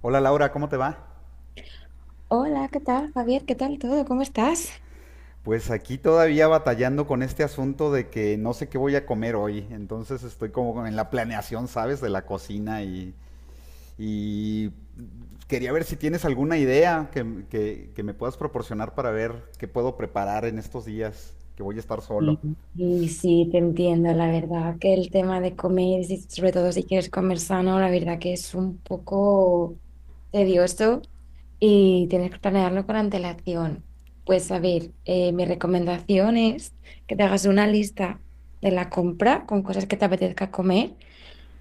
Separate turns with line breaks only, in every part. Hola Laura, ¿cómo te va?
Hola, ¿qué tal, Javier? ¿Qué tal todo? ¿Cómo estás?
Pues aquí todavía batallando con este asunto de que no sé qué voy a comer hoy, entonces estoy como en la planeación, ¿sabes? De la cocina y quería ver si tienes alguna idea que me puedas proporcionar para ver qué puedo preparar en estos días que voy a estar
Sí,
solo.
sí, sí, te entiendo, la verdad que el tema de comer, sobre todo si quieres comer sano, la verdad que es un poco tedioso y tienes que planearlo con antelación. Pues a ver, mi recomendación es que te hagas una lista de la compra con cosas que te apetezca comer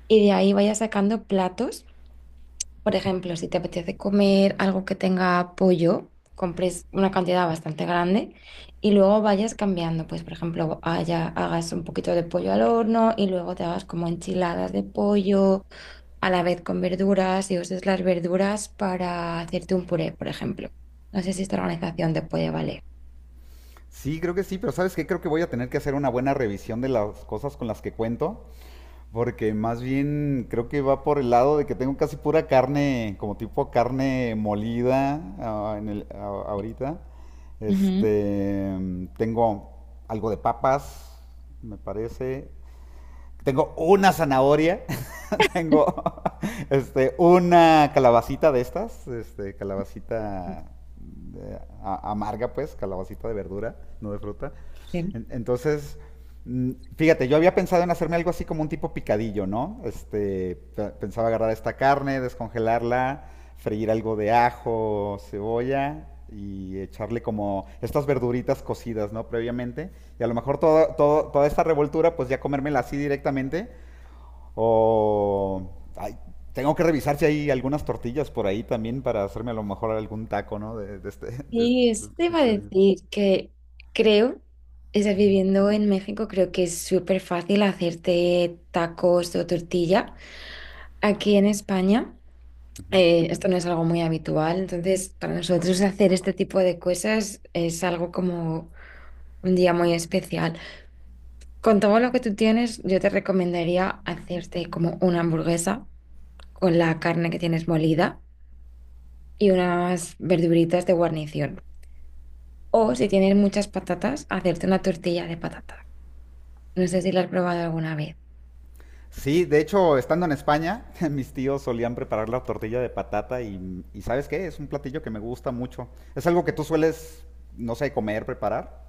y de ahí vayas sacando platos. Por ejemplo, si te apetece comer algo que tenga pollo, compres una cantidad bastante grande y luego vayas cambiando. Pues, por ejemplo, hagas un poquito de pollo al horno y luego te hagas como enchiladas de pollo a la vez con verduras y uses las verduras para hacerte un puré, por ejemplo. No sé si esta organización te puede valer.
Sí, creo que sí, pero ¿sabes qué? Creo que voy a tener que hacer una buena revisión de las cosas con las que cuento, porque más bien creo que va por el lado de que tengo casi pura carne, como tipo carne molida, ahorita.
Ujú.
Este, Tengo algo de papas, me parece. Tengo una zanahoria, tengo una calabacita de estas, calabacita amarga, pues, calabacita de verdura, no de fruta. Entonces, fíjate, yo había pensado en hacerme algo así como un tipo picadillo, ¿no? Pensaba agarrar esta carne, descongelarla, freír algo de ajo, cebolla y echarle como estas verduritas cocidas, ¿no? Previamente. Y a lo mejor todo, toda esta revoltura, pues ya comérmela así directamente. O ay, tengo que revisar si hay algunas tortillas por ahí también para hacerme a lo mejor algún taco, ¿no? De, de este, de este-
Sí,
de
eso
este
te iba a
picadillo.
decir que creo, es decir, viviendo en México, creo que es súper fácil hacerte tacos o tortilla. Aquí en España, esto no es algo muy habitual, entonces para nosotros hacer este tipo de cosas es algo como un día muy especial. Con todo lo que tú tienes, yo te recomendaría hacerte como una hamburguesa con la carne que tienes molida y unas verduritas de guarnición. O si tienes muchas patatas, hacerte una tortilla de patata. No sé si la has probado alguna vez.
Sí, de hecho, estando en España, mis tíos solían preparar la tortilla de patata y ¿sabes qué? Es un platillo que me gusta mucho. ¿Es algo que tú sueles, no sé, comer, preparar?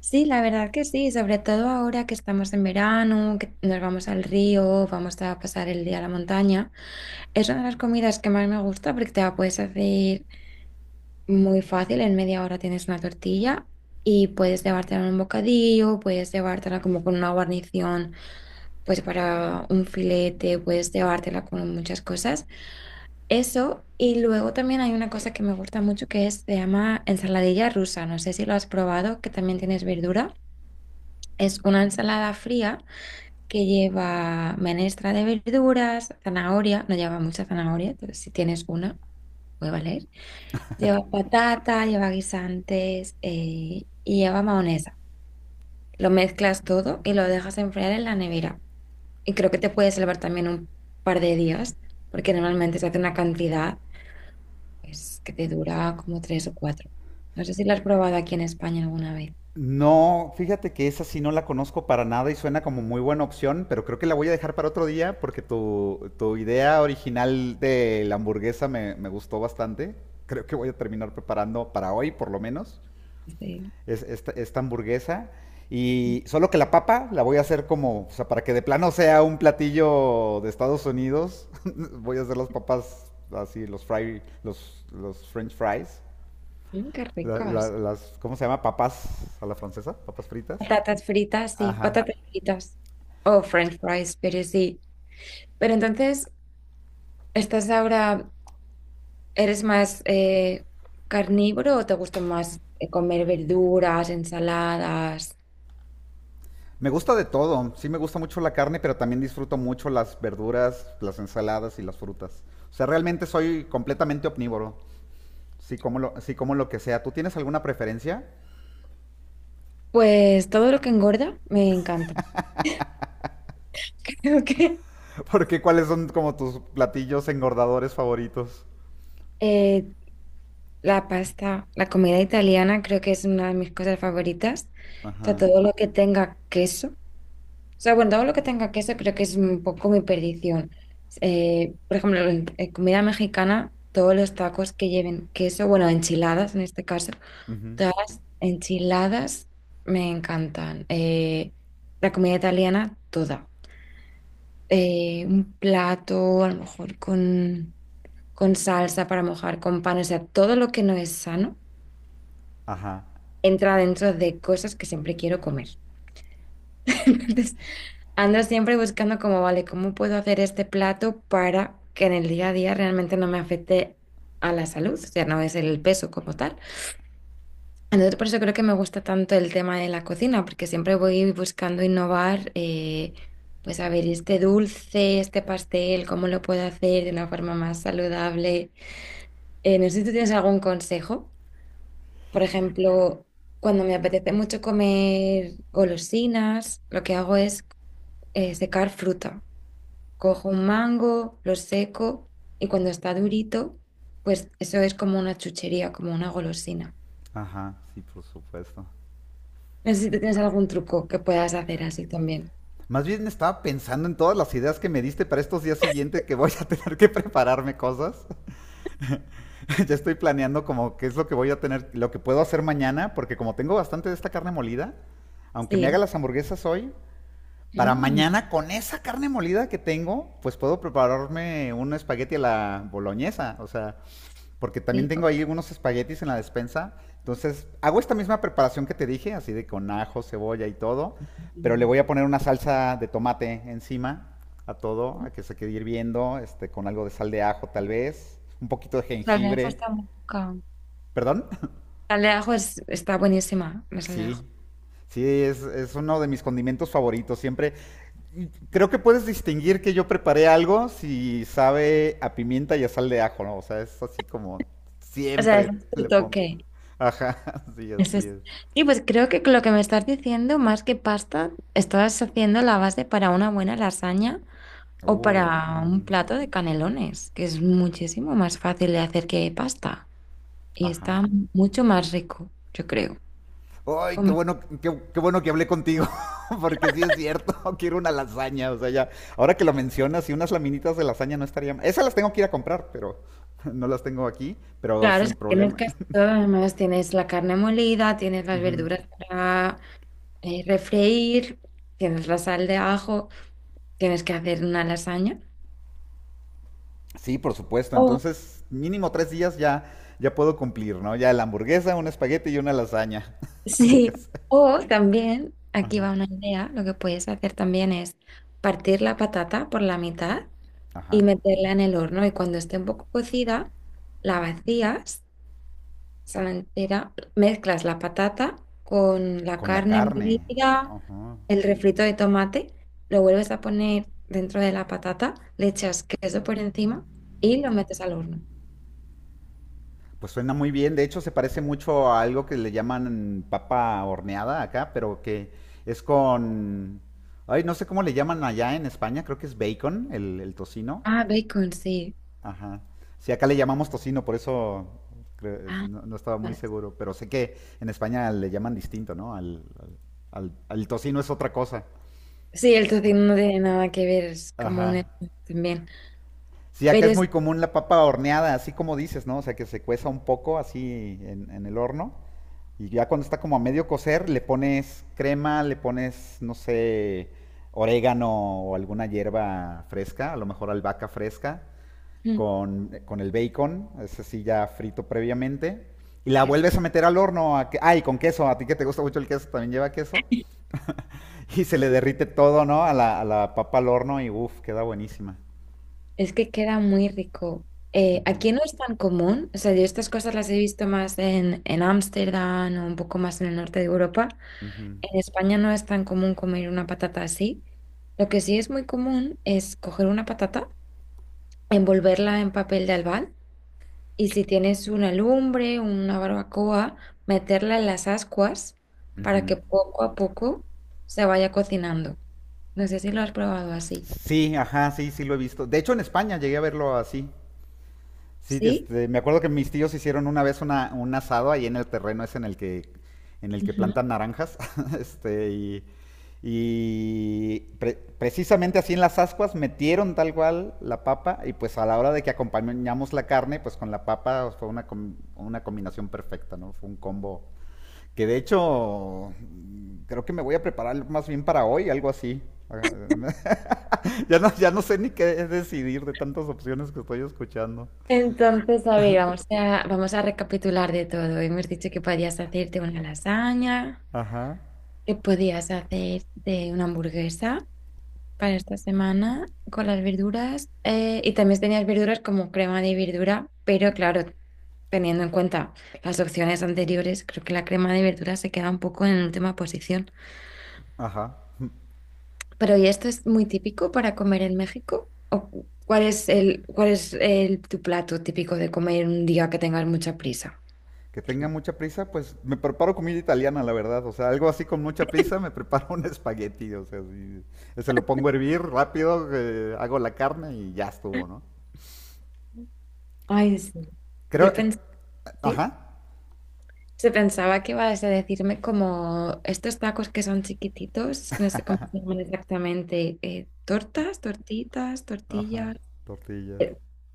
Sí, la verdad que sí, sobre todo ahora que estamos en verano, que nos vamos al río, vamos a pasar el día a la montaña. Es una de las comidas que más me gusta porque te la puedes hacer muy fácil, en media hora tienes una tortilla y puedes llevártela en un bocadillo, puedes llevártela como con una guarnición, pues para un filete, puedes llevártela con muchas cosas. Eso, y luego también hay una cosa que me gusta mucho que es, se llama ensaladilla rusa. No sé si lo has probado, que también tienes verdura. Es una ensalada fría que lleva menestra de verduras, zanahoria, no lleva mucha zanahoria, entonces si tienes una, puede valer. Lleva patata, lleva guisantes y lleva mayonesa. Lo mezclas todo y lo dejas enfriar en la nevera. Y creo que te puede salvar también un par de días, porque normalmente se hace una cantidad, pues que te dura como tres o cuatro. No sé si la has probado aquí en España alguna vez.
No, fíjate que esa sí no la conozco para nada y suena como muy buena opción, pero creo que la voy a dejar para otro día porque tu idea original de la hamburguesa me gustó bastante. Creo que voy a terminar preparando para hoy, por lo menos
Sí.
esta hamburguesa.
Mm,
Y solo que la papa la voy a hacer como, o sea, para que de plano sea un platillo de Estados Unidos, voy a hacer las papas así, los fry, los french fries,
mm, qué ricas.
las, ¿cómo se llama? Papas a la francesa, papas fritas.
Patatas fritas, sí,
Ajá.
patatas fritas. O French fries, pero sí. Pero entonces, ¿estás ahora, eres más carnívoro o te gusta más comer verduras, ensaladas?
Me gusta de todo, sí me gusta mucho la carne, pero también disfruto mucho las verduras, las ensaladas y las frutas. O sea, realmente soy completamente omnívoro, sí como lo que sea. ¿Tú tienes alguna preferencia?
Pues todo lo que engorda me encanta. Creo que
¿Porque cuáles son como tus platillos engordadores favoritos?
eh, la pasta, la comida italiana creo que es una de mis cosas favoritas. O sea,
Ajá.
todo lo que tenga queso. O sea, bueno, todo lo que tenga queso creo que es un poco mi perdición. Por ejemplo, en comida mexicana, todos los tacos que lleven queso, bueno, enchiladas en este caso,
Ujú.
todas las enchiladas me encantan. La comida italiana, toda. Un plato, a lo mejor con salsa para mojar, con pan, o sea, todo lo que no es sano
Ajá.
entra dentro de cosas que siempre quiero comer. Entonces, ando siempre buscando como, vale, ¿cómo puedo hacer este plato para que en el día a día realmente no me afecte a la salud? O sea, no es el peso como tal. Entonces, por eso creo que me gusta tanto el tema de la cocina, porque siempre voy buscando innovar. Pues a ver, este dulce, este pastel, ¿cómo lo puedo hacer de una forma más saludable? No sé si tú tienes algún consejo. Por ejemplo, cuando me apetece mucho comer golosinas, lo que hago es secar fruta. Cojo un mango, lo seco y cuando está durito, pues eso es como una chuchería, como una golosina.
Ajá. Sí, por supuesto.
No sé si tú tienes algún truco que puedas hacer así también.
Más bien estaba pensando en todas las ideas que me diste para estos días siguientes que voy a tener que prepararme cosas. Ya estoy planeando como qué es lo que voy a tener, lo que puedo hacer mañana, porque como tengo bastante de esta carne molida, aunque me haga
Sí.
las hamburguesas hoy, para
Mm.
mañana con esa carne molida que tengo, pues puedo prepararme un espagueti a la boloñesa. O sea, porque también
Sí.
tengo ahí unos espaguetis en la despensa. Entonces, hago esta misma preparación que te dije, así de con ajo, cebolla y todo, pero le
Mm.
voy a poner una salsa de tomate encima a todo, a que se quede hirviendo, con algo de sal de ajo tal vez, un poquito de
Sal de ajo está
jengibre.
muy rica.
¿Perdón?
Sal de ajo es- Está buenísima, la sal de ajo.
Sí. Sí, es uno de mis condimentos favoritos. Siempre. Creo que puedes distinguir que yo preparé algo si sabe a pimienta y a sal de ajo, ¿no? O sea, es así como
O sea, ese
siempre
es tu
le pongo.
toque.
Ajá, sí,
Eso
así
es.
es.
Sí, pues creo que lo que me estás diciendo, más que pasta, estás haciendo la base para una buena lasaña o para un
Ujú,
plato de canelones, que es muchísimo más fácil de hacer que pasta y
ajá.
está mucho más rico, yo creo.
Ay, qué
Como-
bueno, qué bueno que hablé contigo, porque sí es cierto, quiero una lasaña, o sea, ya, ahora que lo mencionas, y unas laminitas de lasaña no estarían, esas las tengo que ir a comprar, pero no las tengo aquí, pero
claro,
sin
es que tienes
problema.
casi todo, además tienes la carne molida, tienes las
Ujú.
verduras para refreír, tienes la sal de ajo, tienes que hacer una lasaña.
Sí, por supuesto. Entonces, mínimo 3 días ya, ya puedo cumplir, ¿no? Ya la hamburguesa, un espagueti y una lasaña. Aunque
Sí,
sea.
o también, aquí
Ajá.
va una idea, lo que puedes hacer también es partir la patata por la mitad y
Ajá.
meterla en el horno y cuando esté un poco cocida, la vacías, o la entera, mezclas la patata con la
Con la
carne
carne.
molida,
Ajá.
el refrito de tomate, lo vuelves a poner dentro de la patata, le echas queso por encima y lo metes al horno.
Pues suena muy bien. De hecho, se parece mucho a algo que le llaman papa horneada acá, pero que es con. Ay, no sé cómo le llaman allá en España. Creo que es bacon, el tocino.
Ah, bacon, sí.
Ajá. Sí, acá le llamamos tocino, por eso
Ah,
no, no estaba muy
bueno.
seguro, pero sé que en España le llaman distinto, ¿no? Al tocino es otra cosa.
Sí, el tocino no tiene nada que ver, es como un...
Ajá.
también.
Sí, acá
Pero
es
es,
muy común la papa horneada, así como dices, ¿no? O sea, que se cueza un poco así en el horno y ya cuando está como a medio cocer le pones crema, le pones, no sé, orégano o alguna hierba fresca, a lo mejor albahaca fresca
Mm.
con el bacon, ese sí ya frito previamente. Y la
que
vuelves a meter al horno. A que, ay, con queso. A ti que te gusta mucho el queso, también lleva queso. Y se le derrite todo, ¿no? A la papa al horno y uff, queda buenísima.
es que queda muy rico.
Ujú,
Aquí no es tan común, o sea, yo estas cosas las he visto más en Ámsterdam o un poco más en el norte de Europa.
ujú,
En España no es tan común comer una patata así. Lo que sí es muy común es coger una patata, envolverla en papel de albal y si tienes una lumbre, una barbacoa, meterla en las ascuas para
ujú.
que poco a poco se vaya cocinando. No sé si lo has probado así.
Sí, ajá, sí, sí lo he visto. De hecho, en España llegué a verlo así. Sí,
¿Sí?
me acuerdo que mis tíos hicieron una vez un asado ahí en el terreno ese en el que, plantan naranjas. este, y y precisamente así en las ascuas metieron tal cual la papa y pues a la hora de que acompañamos la carne, pues con la papa fue una, com- una combinación perfecta, ¿no? Fue un combo que de hecho, creo que me voy a preparar más bien para hoy, algo así. Ya, no, ya no sé ni qué decidir de tantas opciones que estoy escuchando.
Vamos a recapitular de todo. Hemos dicho que podías hacerte una lasaña,
Ajá,
que podías hacerte una hamburguesa para esta semana con las verduras y también tenías verduras como crema de verdura, pero claro, teniendo en cuenta las opciones anteriores, creo que la crema de verdura se queda un poco en última posición.
ajá.
Pero ¿y esto es muy típico para comer en México? ¿O cuál es el, tu plato típico de comer un día que tengas mucha prisa?
Que tenga mucha prisa, pues me preparo comida italiana, la verdad. O sea, algo así con mucha prisa, me preparo un espagueti. O sea, sí, se lo pongo a hervir rápido, hago la carne y ya estuvo, ¿no?
Ay, sí.
Creo,
Yo
eh,
pensé.
ajá,
Se pensaba que ibas a decirme como estos tacos que son chiquititos, no sé cómo se llaman exactamente, tortas, tortitas,
ajá,
tortillas,
tortillas.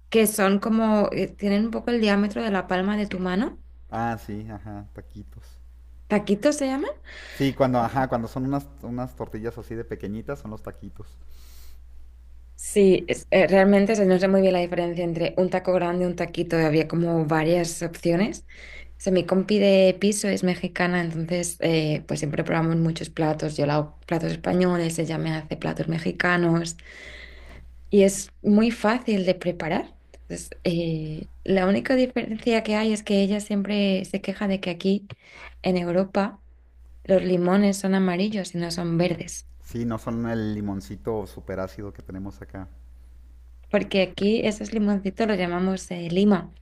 que son como, tienen un poco el diámetro de la palma de tu mano.
Ah, sí, ajá, taquitos.
¿Taquitos se llaman?
Sí, cuando, ajá, cuando son unas tortillas así de pequeñitas, son los taquitos.
Realmente o sea, no sé muy bien la diferencia entre un taco grande y un taquito, había como varias opciones. O sea, mi compi de piso es mexicana, entonces pues siempre probamos muchos platos, yo le hago platos españoles, ella me hace platos mexicanos, y es muy fácil de preparar. Entonces, la única diferencia que hay es que ella siempre se queja de que aquí en Europa los limones son amarillos y no son verdes,
Sí, no son el limoncito súper ácido que tenemos acá.
porque aquí esos limoncitos los llamamos lima.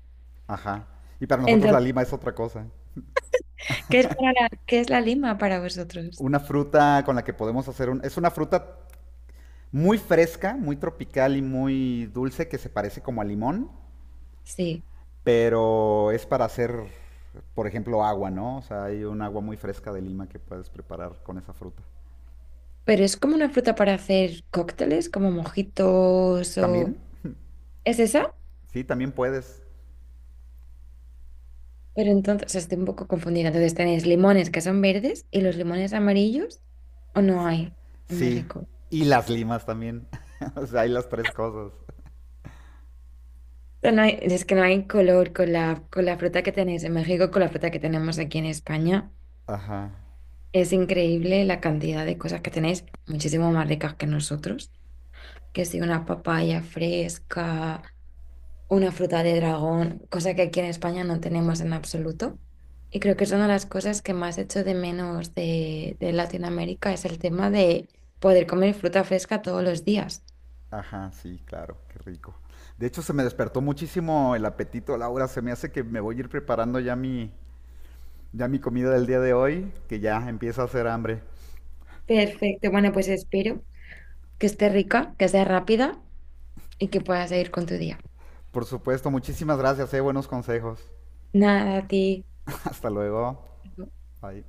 Ajá. Y para nosotros la
Entonces,
lima es otra cosa.
¿qué es la lima para vosotros?
Una fruta con la que podemos hacer un. Es una fruta muy fresca, muy tropical y muy dulce que se parece como a limón,
Sí,
pero es para hacer, por ejemplo, agua, ¿no? O sea, hay un agua muy fresca de lima que puedes preparar con esa fruta.
pero es como una fruta para hacer cócteles, como mojitos o...
¿También?
¿Es esa?
Sí, también puedes.
Pero entonces, o sea, estoy un poco confundida. Entonces, ¿tenéis limones que son verdes y los limones amarillos o no hay en
Sí.
México? O
Y las limas también. O sea, hay las tres cosas.
sea, es que no hay color con la fruta que tenéis en México, con la fruta que tenemos aquí en España.
Ajá.
Es increíble la cantidad de cosas que tenéis, muchísimo más ricas que nosotros. Que si una papaya fresca, una fruta de dragón, cosa que aquí en España no tenemos en absoluto. Y creo que es una de las cosas que más echo de menos de Latinoamérica, es el tema de poder comer fruta fresca todos los días.
Ajá, sí, claro, qué rico. De hecho, se me despertó muchísimo el apetito, Laura. Se me hace que me voy a ir preparando ya mi comida del día de hoy, que ya empieza a hacer hambre.
Perfecto, bueno, pues espero que esté rica, que sea rápida y que puedas seguir con tu día.
Por supuesto, muchísimas gracias, buenos consejos.
Nada, a ti.
Hasta luego. Bye.